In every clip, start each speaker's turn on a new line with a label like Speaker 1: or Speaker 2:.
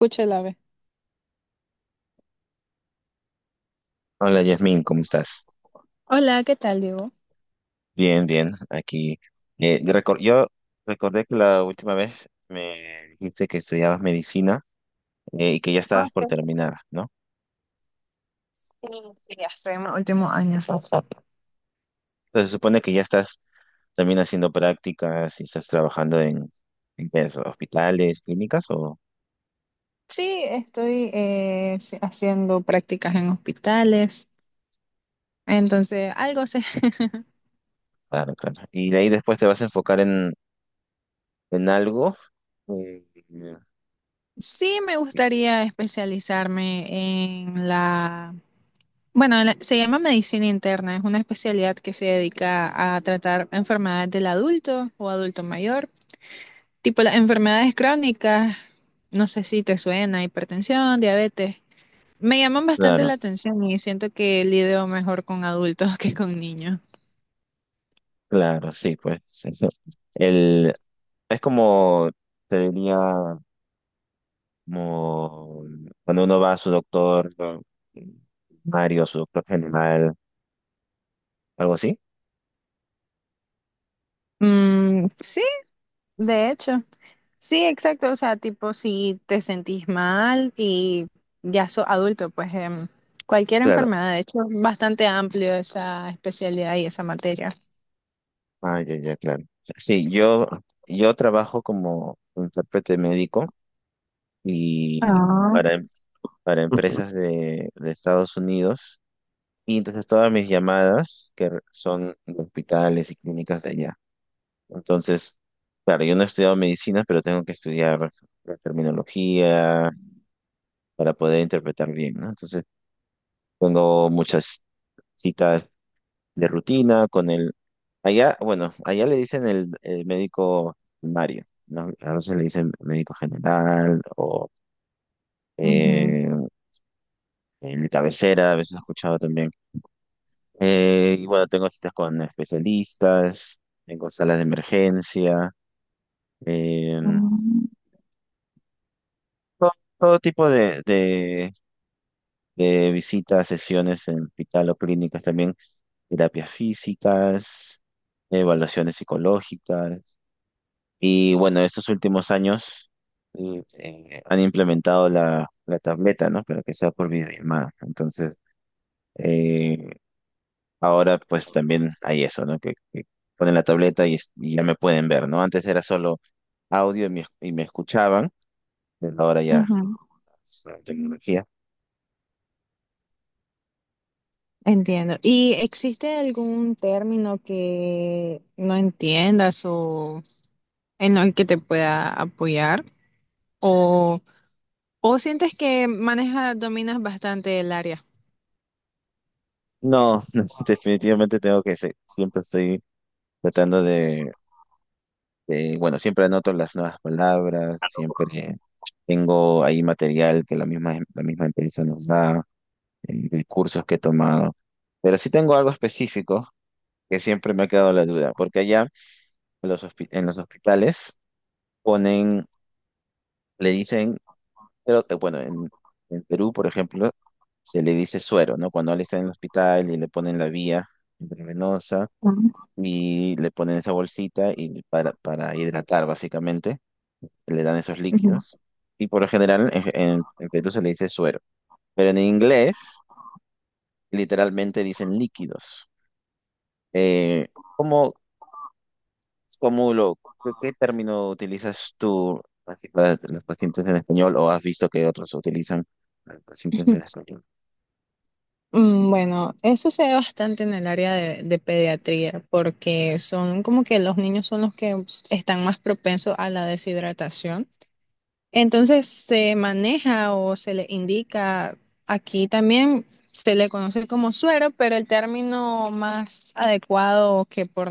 Speaker 1: Escucha el ave.
Speaker 2: Hola Yasmin, ¿cómo estás?
Speaker 1: Hola, ¿qué tal, Diego?
Speaker 2: Bien, bien, aquí. Yo recordé que la última vez me dijiste que estudiabas medicina y que ya estabas por terminar, ¿no? Entonces se supone que ya estás también haciendo prácticas y estás trabajando en, qué es, hospitales, clínicas o...
Speaker 1: Sí, estoy sí, haciendo prácticas en hospitales. Entonces, algo sé.
Speaker 2: Claro, claro. Y de ahí después te vas a enfocar en algo. eh,
Speaker 1: Sí, me gustaría especializarme en la, bueno, se llama medicina interna. Es una especialidad que se dedica a tratar enfermedades del adulto o adulto mayor, tipo las enfermedades crónicas. No sé si te suena, hipertensión, diabetes. Me llaman bastante la
Speaker 2: Claro,
Speaker 1: atención y siento que lidio mejor con adultos que con niños.
Speaker 2: claro, sí, pues, eso. El, es como, te diría, como cuando uno va a su doctor, ¿no? Mario, su doctor general, algo así.
Speaker 1: Mm, sí, de hecho. Sí, exacto. O sea, tipo, si te sentís mal y ya sos adulto, pues cualquier
Speaker 2: Claro.
Speaker 1: enfermedad, de hecho, es bastante amplio esa especialidad y esa materia.
Speaker 2: Ah, ya, ya, claro. Sí, yo trabajo como intérprete médico y
Speaker 1: Ah,
Speaker 2: para, em- para empresas de Estados Unidos. Y entonces todas mis llamadas son de hospitales y clínicas de allá. Entonces, claro, yo no he estudiado medicina, pero tengo que estudiar la terminología para poder interpretar bien, ¿no? Entonces, tengo muchas citas de rutina Allá, bueno, allá le dicen el médico primario, ¿no? A veces le dicen médico general o
Speaker 1: ujú,
Speaker 2: eh, el cabecera, a veces he escuchado también. Y bueno, tengo citas con especialistas, tengo salas de emergencia, eh,
Speaker 1: mm,
Speaker 2: todo, todo tipo de visitas, sesiones en hospital o clínicas también, terapias físicas, evaluaciones psicológicas. Y bueno, estos últimos años han implementado la tableta, ¿no? Pero que sea por videollamada. Entonces, eh, ahora pues también hay eso, ¿no? Que ponen la tableta y, y ya me pueden ver, ¿no? Antes era solo audio y me escuchaban, pero ahora ya
Speaker 1: ujú,
Speaker 2: la tecnología.
Speaker 1: entiendo. ¿Y existe algún término que no entiendas o en el que te pueda apoyar? ¿O, o sientes que manejas, dominas bastante el área?
Speaker 2: No, no, definitivamente tengo siempre estoy tratando bueno, siempre anoto las nuevas palabras, siempre tengo ahí material que la misma empresa nos da cursos que he tomado. Pero sí tengo algo específico que siempre me ha quedado la duda, porque allá en los hospitales ponen, le dicen, pero, bueno, en, Perú, por ejemplo, se le dice suero, ¿no? Cuando él está en el hospital y le ponen la vía intravenosa y le ponen esa bolsita y para hidratar, básicamente, le dan esos líquidos. Y por lo general en, en Perú se le dice suero, pero en inglés literalmente dicen líquidos. Eh, ¿Cómo, ¿Cómo lo, ¿Qué término utilizas tú así para los pacientes en español o has visto que otros utilizan a los pacientes en español?
Speaker 1: Bueno, eso se ve bastante en el área de pediatría, porque son como que los niños son los que están más propensos a la deshidratación. Entonces se maneja o se le indica, aquí también se le conoce como suero, pero el término más adecuado que por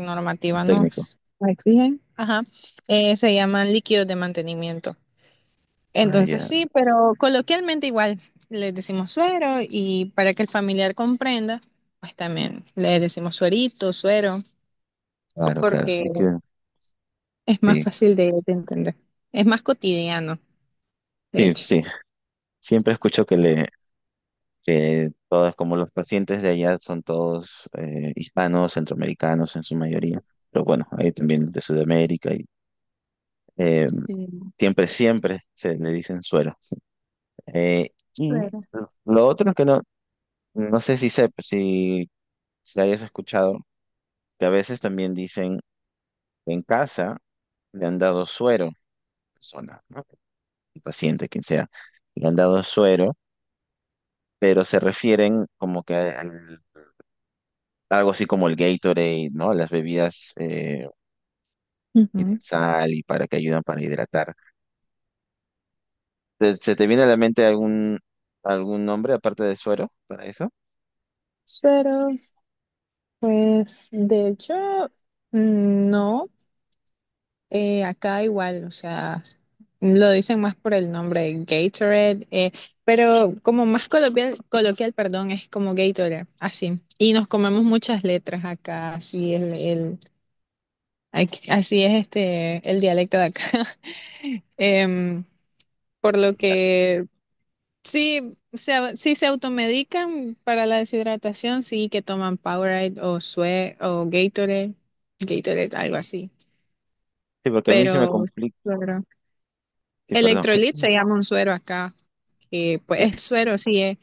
Speaker 2: Es
Speaker 1: normativa
Speaker 2: técnico.
Speaker 1: nos exigen, ajá, se llaman líquidos de mantenimiento.
Speaker 2: Ah,
Speaker 1: Entonces
Speaker 2: ya,
Speaker 1: sí, pero coloquialmente igual le decimos suero y para que el familiar comprenda, pues también le decimos suerito, suero,
Speaker 2: claro, claro.
Speaker 1: porque
Speaker 2: De
Speaker 1: es más
Speaker 2: Sí,
Speaker 1: fácil de entender. Es más cotidiano, de
Speaker 2: sí,
Speaker 1: hecho.
Speaker 2: sí. Siempre escucho que que todos, como los pacientes de allá son todos hispanos, centroamericanos en su mayoría, pero bueno, hay también de Sudamérica y eh,
Speaker 1: Sí,
Speaker 2: siempre se le dicen suero. Eh, y
Speaker 1: suero.
Speaker 2: lo otro es que no, no sé si, se, si, si hayas escuchado que a veces también dicen que en casa le han dado suero, a la persona, ¿no? El paciente, quien sea, le han dado suero, pero se refieren como que algo así como el Gatorade, ¿no? Las bebidas tienen
Speaker 1: Ujú.
Speaker 2: sal y para que ayudan para hidratar. ¿Se te viene a la mente algún nombre aparte de suero para eso?
Speaker 1: Suero, pues de hecho, mm, no. Acá igual, o sea, lo dicen más por el nombre Gatorade, pero como más coloquial, coloquial, perdón, es como Gatorade, así. Y nos comemos muchas letras acá, así es el- aquí- así es este el dialecto de acá. Em, por lo que sí se, sí se automedican para la deshidratación, sí que toman Powerade o Sue o Gatorade, Gatorade, algo así.
Speaker 2: Sí, porque a mí se me
Speaker 1: Pero
Speaker 2: complica.
Speaker 1: claro.
Speaker 2: Sí, perdón.
Speaker 1: Electrolit se llama un suero acá, que pues es suero, sí,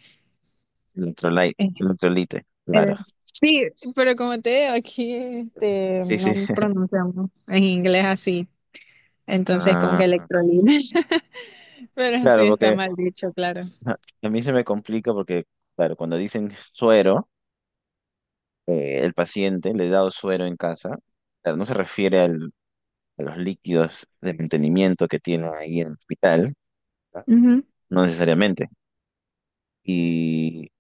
Speaker 2: Electrolite,
Speaker 1: es-
Speaker 2: electrolite,
Speaker 1: es-
Speaker 2: claro.
Speaker 1: sí, pero como te digo, aquí este,
Speaker 2: Sí, sí.
Speaker 1: no pronunciamos en inglés así, entonces como que
Speaker 2: Ah,
Speaker 1: electrolit, pero sí
Speaker 2: claro,
Speaker 1: está
Speaker 2: porque
Speaker 1: mal dicho, claro.
Speaker 2: ajá. A mí se me complica porque, claro, cuando dicen suero, el paciente le he dado suero en casa, claro, no se refiere a los líquidos de mantenimiento que tiene ahí en el hospital, no
Speaker 1: Ujú.
Speaker 2: no necesariamente. Y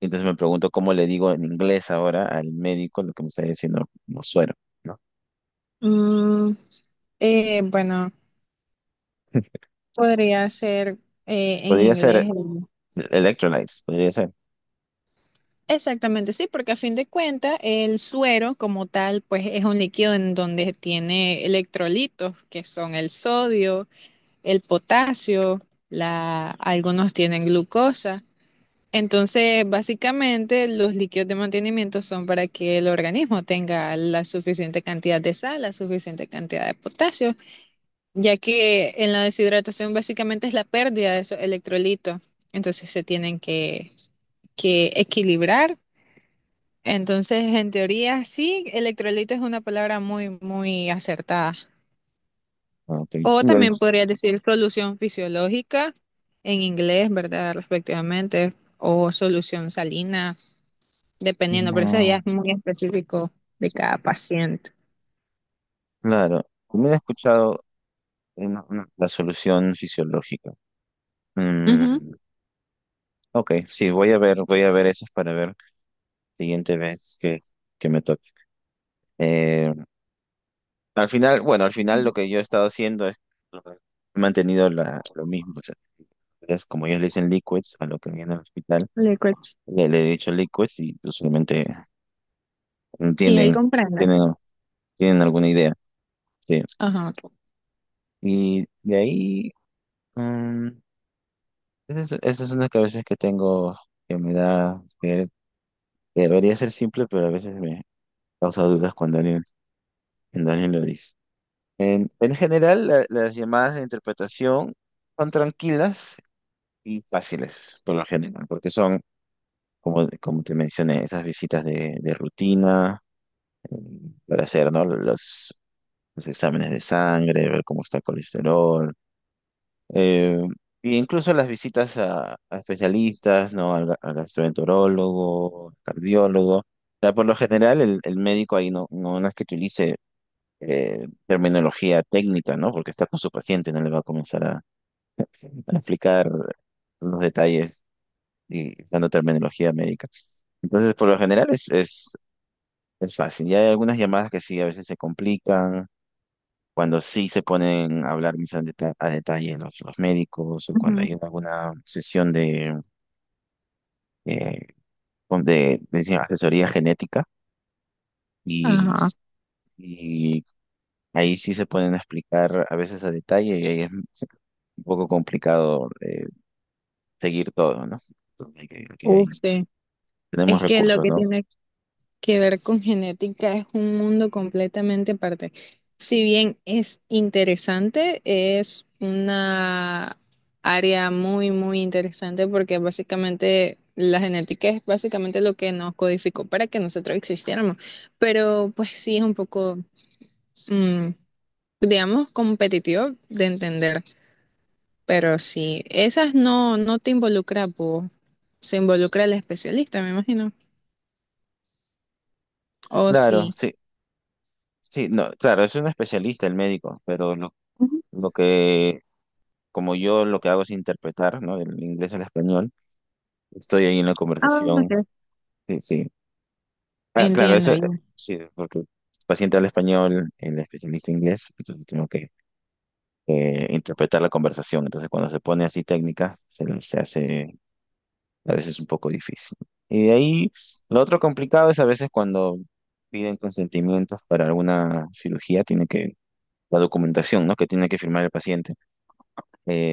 Speaker 2: entonces me pregunto cómo le digo en inglés ahora al médico lo que me está diciendo como suero, ¿no?
Speaker 1: Mm, bueno, podría ser en
Speaker 2: Podría ser
Speaker 1: inglés. El-
Speaker 2: electrolytes, podría ser.
Speaker 1: Exactamente, sí, porque a fin de cuentas el suero como tal, pues es un líquido en donde tiene electrolitos, que son el sodio el potasio, la, algunos tienen glucosa. Entonces, básicamente, los líquidos de mantenimiento son para que el organismo tenga la suficiente cantidad de sal, la suficiente cantidad de potasio, ya que en la deshidratación básicamente es la pérdida de esos electrolitos. Entonces, que equilibrar. Entonces, en teoría, sí, electrolito es una palabra muy, muy acertada.
Speaker 2: ¿No? y
Speaker 1: O
Speaker 2: el-
Speaker 1: también podría decir solución fisiológica en inglés, ¿verdad? Respectivamente, o solución salina, dependiendo, pero eso ya
Speaker 2: no,
Speaker 1: es muy específico de cada paciente.
Speaker 2: claro, también he escuchado la solución fisiológica.
Speaker 1: Ujú,
Speaker 2: Mm, ok, sí, voy a ver esas para ver siguiente vez que me toque. Eh, Al final lo que yo he estado haciendo es he mantenido lo mismo. O sea, es como ellos le dicen liquids a lo que viene al hospital,
Speaker 1: liquids.
Speaker 2: le he dicho liquids y usualmente
Speaker 1: Y él
Speaker 2: entienden,
Speaker 1: comprende.
Speaker 2: tienen, tienen alguna idea. Sí.
Speaker 1: Ajá.
Speaker 2: Y de ahí, mm, esa es una que a veces que tengo que me da, que debería ser simple, pero a veces me causa dudas cuando cuando alguien lo dice. En, general, las llamadas de interpretación son tranquilas y fáciles, por lo general, porque son, como te mencioné, esas visitas de rutina eh, para hacer, ¿no? Los exámenes de sangre, ver cómo está el colesterol, eh, e incluso las visitas a especialistas, ¿no? Al gastroenterólogo, cardiólogo. O sea, por lo general, el médico ahí no es que utilice terminología técnica, ¿no? Porque está con su paciente, no le va a comenzar a explicar los detalles y dando terminología médica. Entonces, por lo general es, es fácil. Ya hay algunas llamadas que sí, a veces se complican, cuando sí se ponen a hablar más a detalle los médicos o cuando
Speaker 1: Ujú.
Speaker 2: hay alguna sesión eh, de decir, asesoría genética y,
Speaker 1: Ajá.
Speaker 2: y ahí sí se pueden explicar a veces a detalle y ahí es un poco complicado, seguir todo, ¿no? Entonces, hay que- aquí
Speaker 1: Uf,
Speaker 2: hay-
Speaker 1: sí.
Speaker 2: tenemos
Speaker 1: Es que lo
Speaker 2: recursos,
Speaker 1: que
Speaker 2: ¿no?
Speaker 1: tiene que ver con genética es un mundo completamente aparte. Si bien es interesante, es una área muy, muy interesante porque básicamente la genética es básicamente lo que nos codificó para que nosotros existiéramos. Pero pues sí es un poco, mm, digamos, competitivo de entender. Pero sí, esas no, no te involucra, pues, se involucra el especialista, me imagino. O
Speaker 2: Claro,
Speaker 1: sí.
Speaker 2: sí, sí, no, claro, es un especialista el médico, pero
Speaker 1: Ujú.
Speaker 2: lo que, como yo lo que hago es interpretar, ¿no? Del inglés al español, estoy ahí en la
Speaker 1: Ah,
Speaker 2: conversación,
Speaker 1: ok.
Speaker 2: sí, sí. Ah, claro, eso,
Speaker 1: Entiendo, ya.
Speaker 2: sí, porque el paciente habla español, el especialista inglés, entonces tengo que interpretar la conversación, entonces cuando se pone así técnica, se hace a veces es un poco difícil. Y de ahí, lo otro complicado es a veces cuando piden consentimientos para alguna cirugía, la documentación, ¿no? Que tiene que firmar el paciente.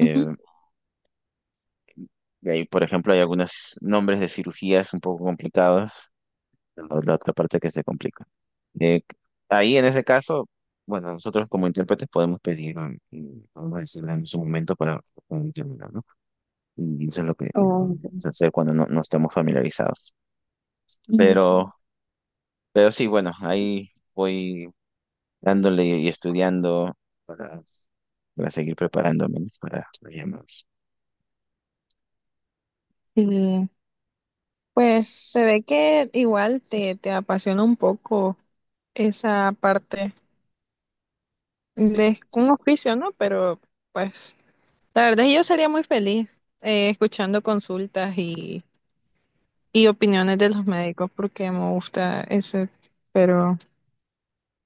Speaker 1: Ujú.
Speaker 2: y ahí, por ejemplo, hay algunos nombres de cirugías un poco complicados, la otra parte que se complica. Eh, Ahí, en ese caso, bueno, nosotros como intérpretes podemos pedir, y podemos decirle en su momento para un término, ¿no? Y eso es lo que,
Speaker 1: Oh,
Speaker 2: se hace cuando no estamos familiarizados.
Speaker 1: ujú,
Speaker 2: Pero Pero sí, bueno, ahí voy dándole y estudiando para, para seguir preparándome, ¿no?, para los llamados.
Speaker 1: sí, pues se ve que igual te, te apasiona un poco esa parte
Speaker 2: Sí,
Speaker 1: de un oficio, ¿no? Pero pues la verdad yo sería muy feliz escuchando consultas y opiniones de los médicos porque me gusta ese, pero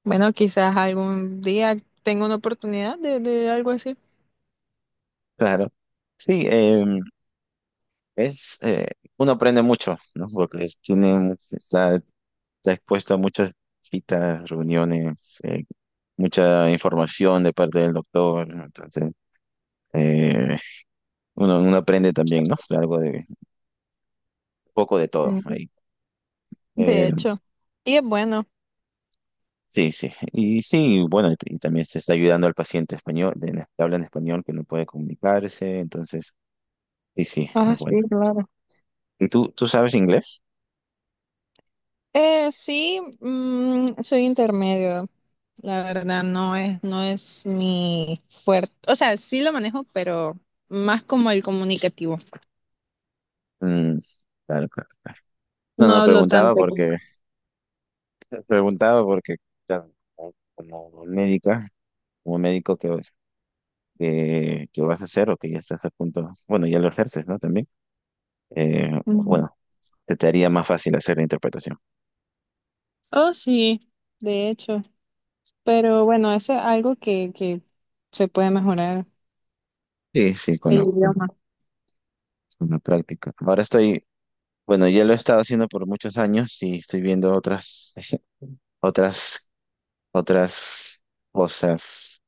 Speaker 1: bueno, quizás algún día tenga una oportunidad de algo así.
Speaker 2: claro. Sí, es, eh, uno aprende mucho, ¿no? Porque está expuesto a muchas citas, reuniones, eh, mucha información de parte del doctor, ¿no? Entonces, eh, uno aprende también, ¿no? O sea, algo un poco de todo
Speaker 1: Sí,
Speaker 2: ahí. Eh,
Speaker 1: de hecho, y es bueno.
Speaker 2: Sí, sí. Y sí, bueno, y, y también se está ayudando al paciente español, la que habla en español, que no puede comunicarse, entonces, sí, sí, es
Speaker 1: Ah,
Speaker 2: bueno.
Speaker 1: sí, claro.
Speaker 2: ¿Y tú, sabes inglés?
Speaker 1: Sí, mm, soy intermedio, la verdad, no es, no es mi fuerte, o sea, sí lo manejo, pero más como el comunicativo,
Speaker 2: Mm, claro, claro, claro. No,
Speaker 1: no
Speaker 2: no,
Speaker 1: hablo tanto. Con-
Speaker 2: preguntaba porque, claro, como médico que vas a hacer o que ya estás a punto, bueno, ya lo ejerces, ¿no? También, eh,
Speaker 1: Ujú.
Speaker 2: bueno, te haría más fácil hacer la interpretación.
Speaker 1: Oh, sí, de hecho, pero bueno, eso es algo que se puede mejorar,
Speaker 2: Sí, sí,
Speaker 1: el idioma.
Speaker 2: con la práctica. Bueno, ya lo he estado haciendo por muchos años y estoy viendo otras, otras, otras cosas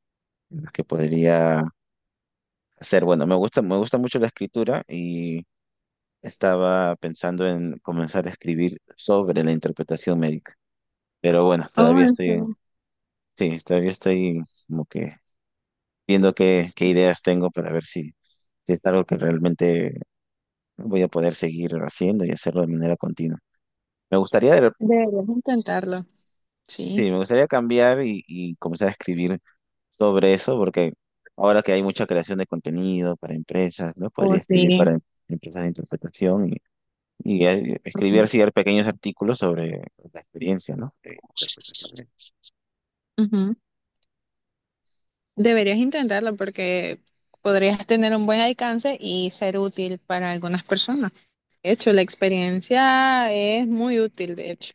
Speaker 2: que podría hacer. Bueno, me gusta mucho la escritura y estaba pensando en comenzar a escribir sobre la interpretación médica. Pero bueno,
Speaker 1: Oh, en serio,
Speaker 2: sí, todavía estoy como que viendo qué ideas tengo para ver si es algo que realmente voy a poder seguir haciendo y hacerlo de manera continua. Me gustaría de
Speaker 1: deberías intentarlo, sí.
Speaker 2: Sí, me gustaría cambiar y, comenzar a escribir sobre eso, porque ahora que hay mucha creación de contenido para empresas, ¿no?
Speaker 1: Oh,
Speaker 2: Podría escribir
Speaker 1: sí.
Speaker 2: para empresas de interpretación y, escribir así pequeños artículos sobre la experiencia, ¿no?, de interpretación.
Speaker 1: Ujú. Deberías intentarlo porque podrías tener un buen alcance y ser útil para algunas personas. De hecho, la experiencia es muy útil, de hecho.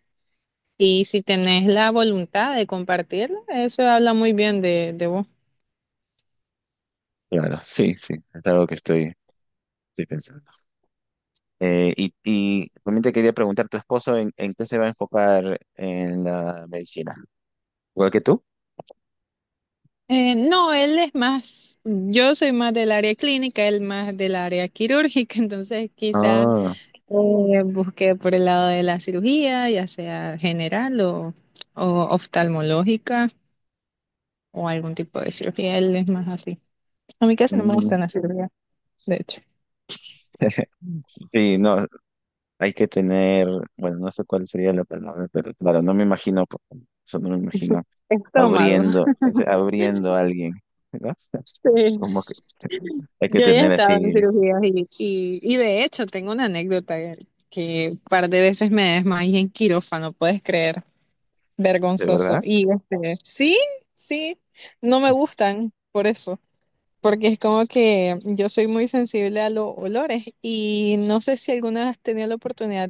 Speaker 1: Y si tenés la voluntad de compartirla, eso habla muy bien de vos.
Speaker 2: Claro, sí, sí, es algo que estoy pensando. Y, también te quería preguntar, ¿tu esposo en, qué se va a enfocar en la medicina? ¿Igual que tú?
Speaker 1: No, él es más, yo soy más del área clínica, él más del área quirúrgica, entonces quizá
Speaker 2: Ah,
Speaker 1: eh, busqué por el lado de la cirugía, ya sea general o oftalmológica o algún tipo de cirugía, él es más así. A mí casi no me
Speaker 2: mm.
Speaker 1: gustan las cirugías, de hecho.
Speaker 2: Sí, no, hay que tener, bueno, no sé cuál sería la palabra, pero claro, no me imagino, eso no me imagino
Speaker 1: Estómago,
Speaker 2: abriendo, abriendo a alguien, ¿verdad?
Speaker 1: sí.
Speaker 2: Como que hay que
Speaker 1: Yo ya he
Speaker 2: tener
Speaker 1: estado
Speaker 2: así.
Speaker 1: en cirugías y de hecho tengo una anécdota que un par de veces me desmayé en quirófano, puedes creer.
Speaker 2: ¿De
Speaker 1: Vergonzoso.
Speaker 2: verdad?
Speaker 1: Y este, sí, sí, no me gustan por eso, porque es como que yo soy muy sensible a los olores y no sé si alguna has tenido la oportunidad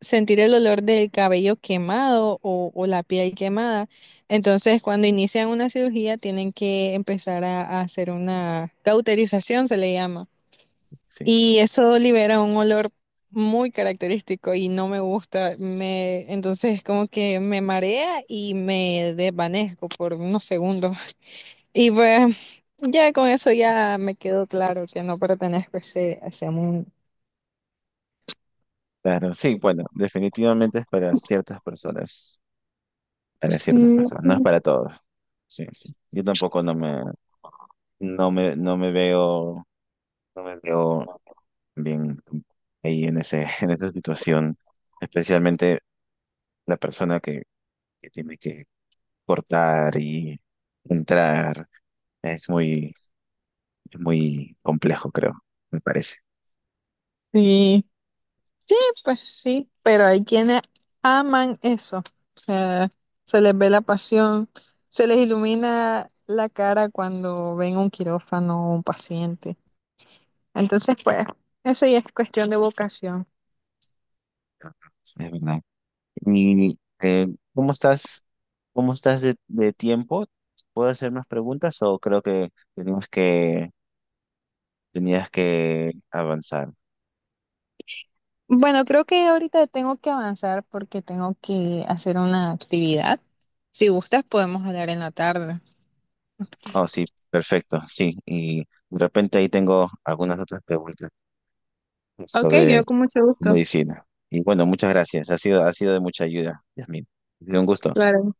Speaker 1: sentir el olor del cabello quemado o la piel quemada. Entonces, cuando inician una cirugía, tienen que empezar a hacer una cauterización, se le llama.
Speaker 2: Sí,
Speaker 1: Y eso libera un olor muy característico y no me gusta. Me, entonces, como que me marea y me desvanezco por unos segundos. Y pues, ya con eso ya me quedó claro que no pertenezco a ese mundo.
Speaker 2: claro, sí, bueno, definitivamente es para ciertas
Speaker 1: Sí.
Speaker 2: personas, no es para todos. Sí, sí. Yo tampoco no me, no me veo, no me veo bien ahí en ese, en esa situación, especialmente la persona que tiene que cortar y entrar. Es muy, es muy complejo, creo, me parece.
Speaker 1: Sí. Sí, pues sí, pero hay quienes aman eso. O sea, se les ve la pasión, se les ilumina la cara cuando ven un quirófano o un paciente. Entonces, pues, eso ya es cuestión de vocación.
Speaker 2: Es verdad. Y ¿cómo estás? ¿Cómo estás de tiempo? ¿Puedo hacer más preguntas o creo que tenías que tenías que avanzar?
Speaker 1: Bueno, creo que ahorita tengo que avanzar porque tengo que hacer una actividad. Si gustas, podemos hablar en la tarde.
Speaker 2: Oh, sí, perfecto, sí. Y de repente ahí tengo algunas otras preguntas
Speaker 1: Ok,
Speaker 2: sobre
Speaker 1: yo con mucho gusto.
Speaker 2: medicina. Y bueno, muchas gracias. Ha sido de mucha ayuda, Yasmin. Ha sido un gusto.
Speaker 1: Claro.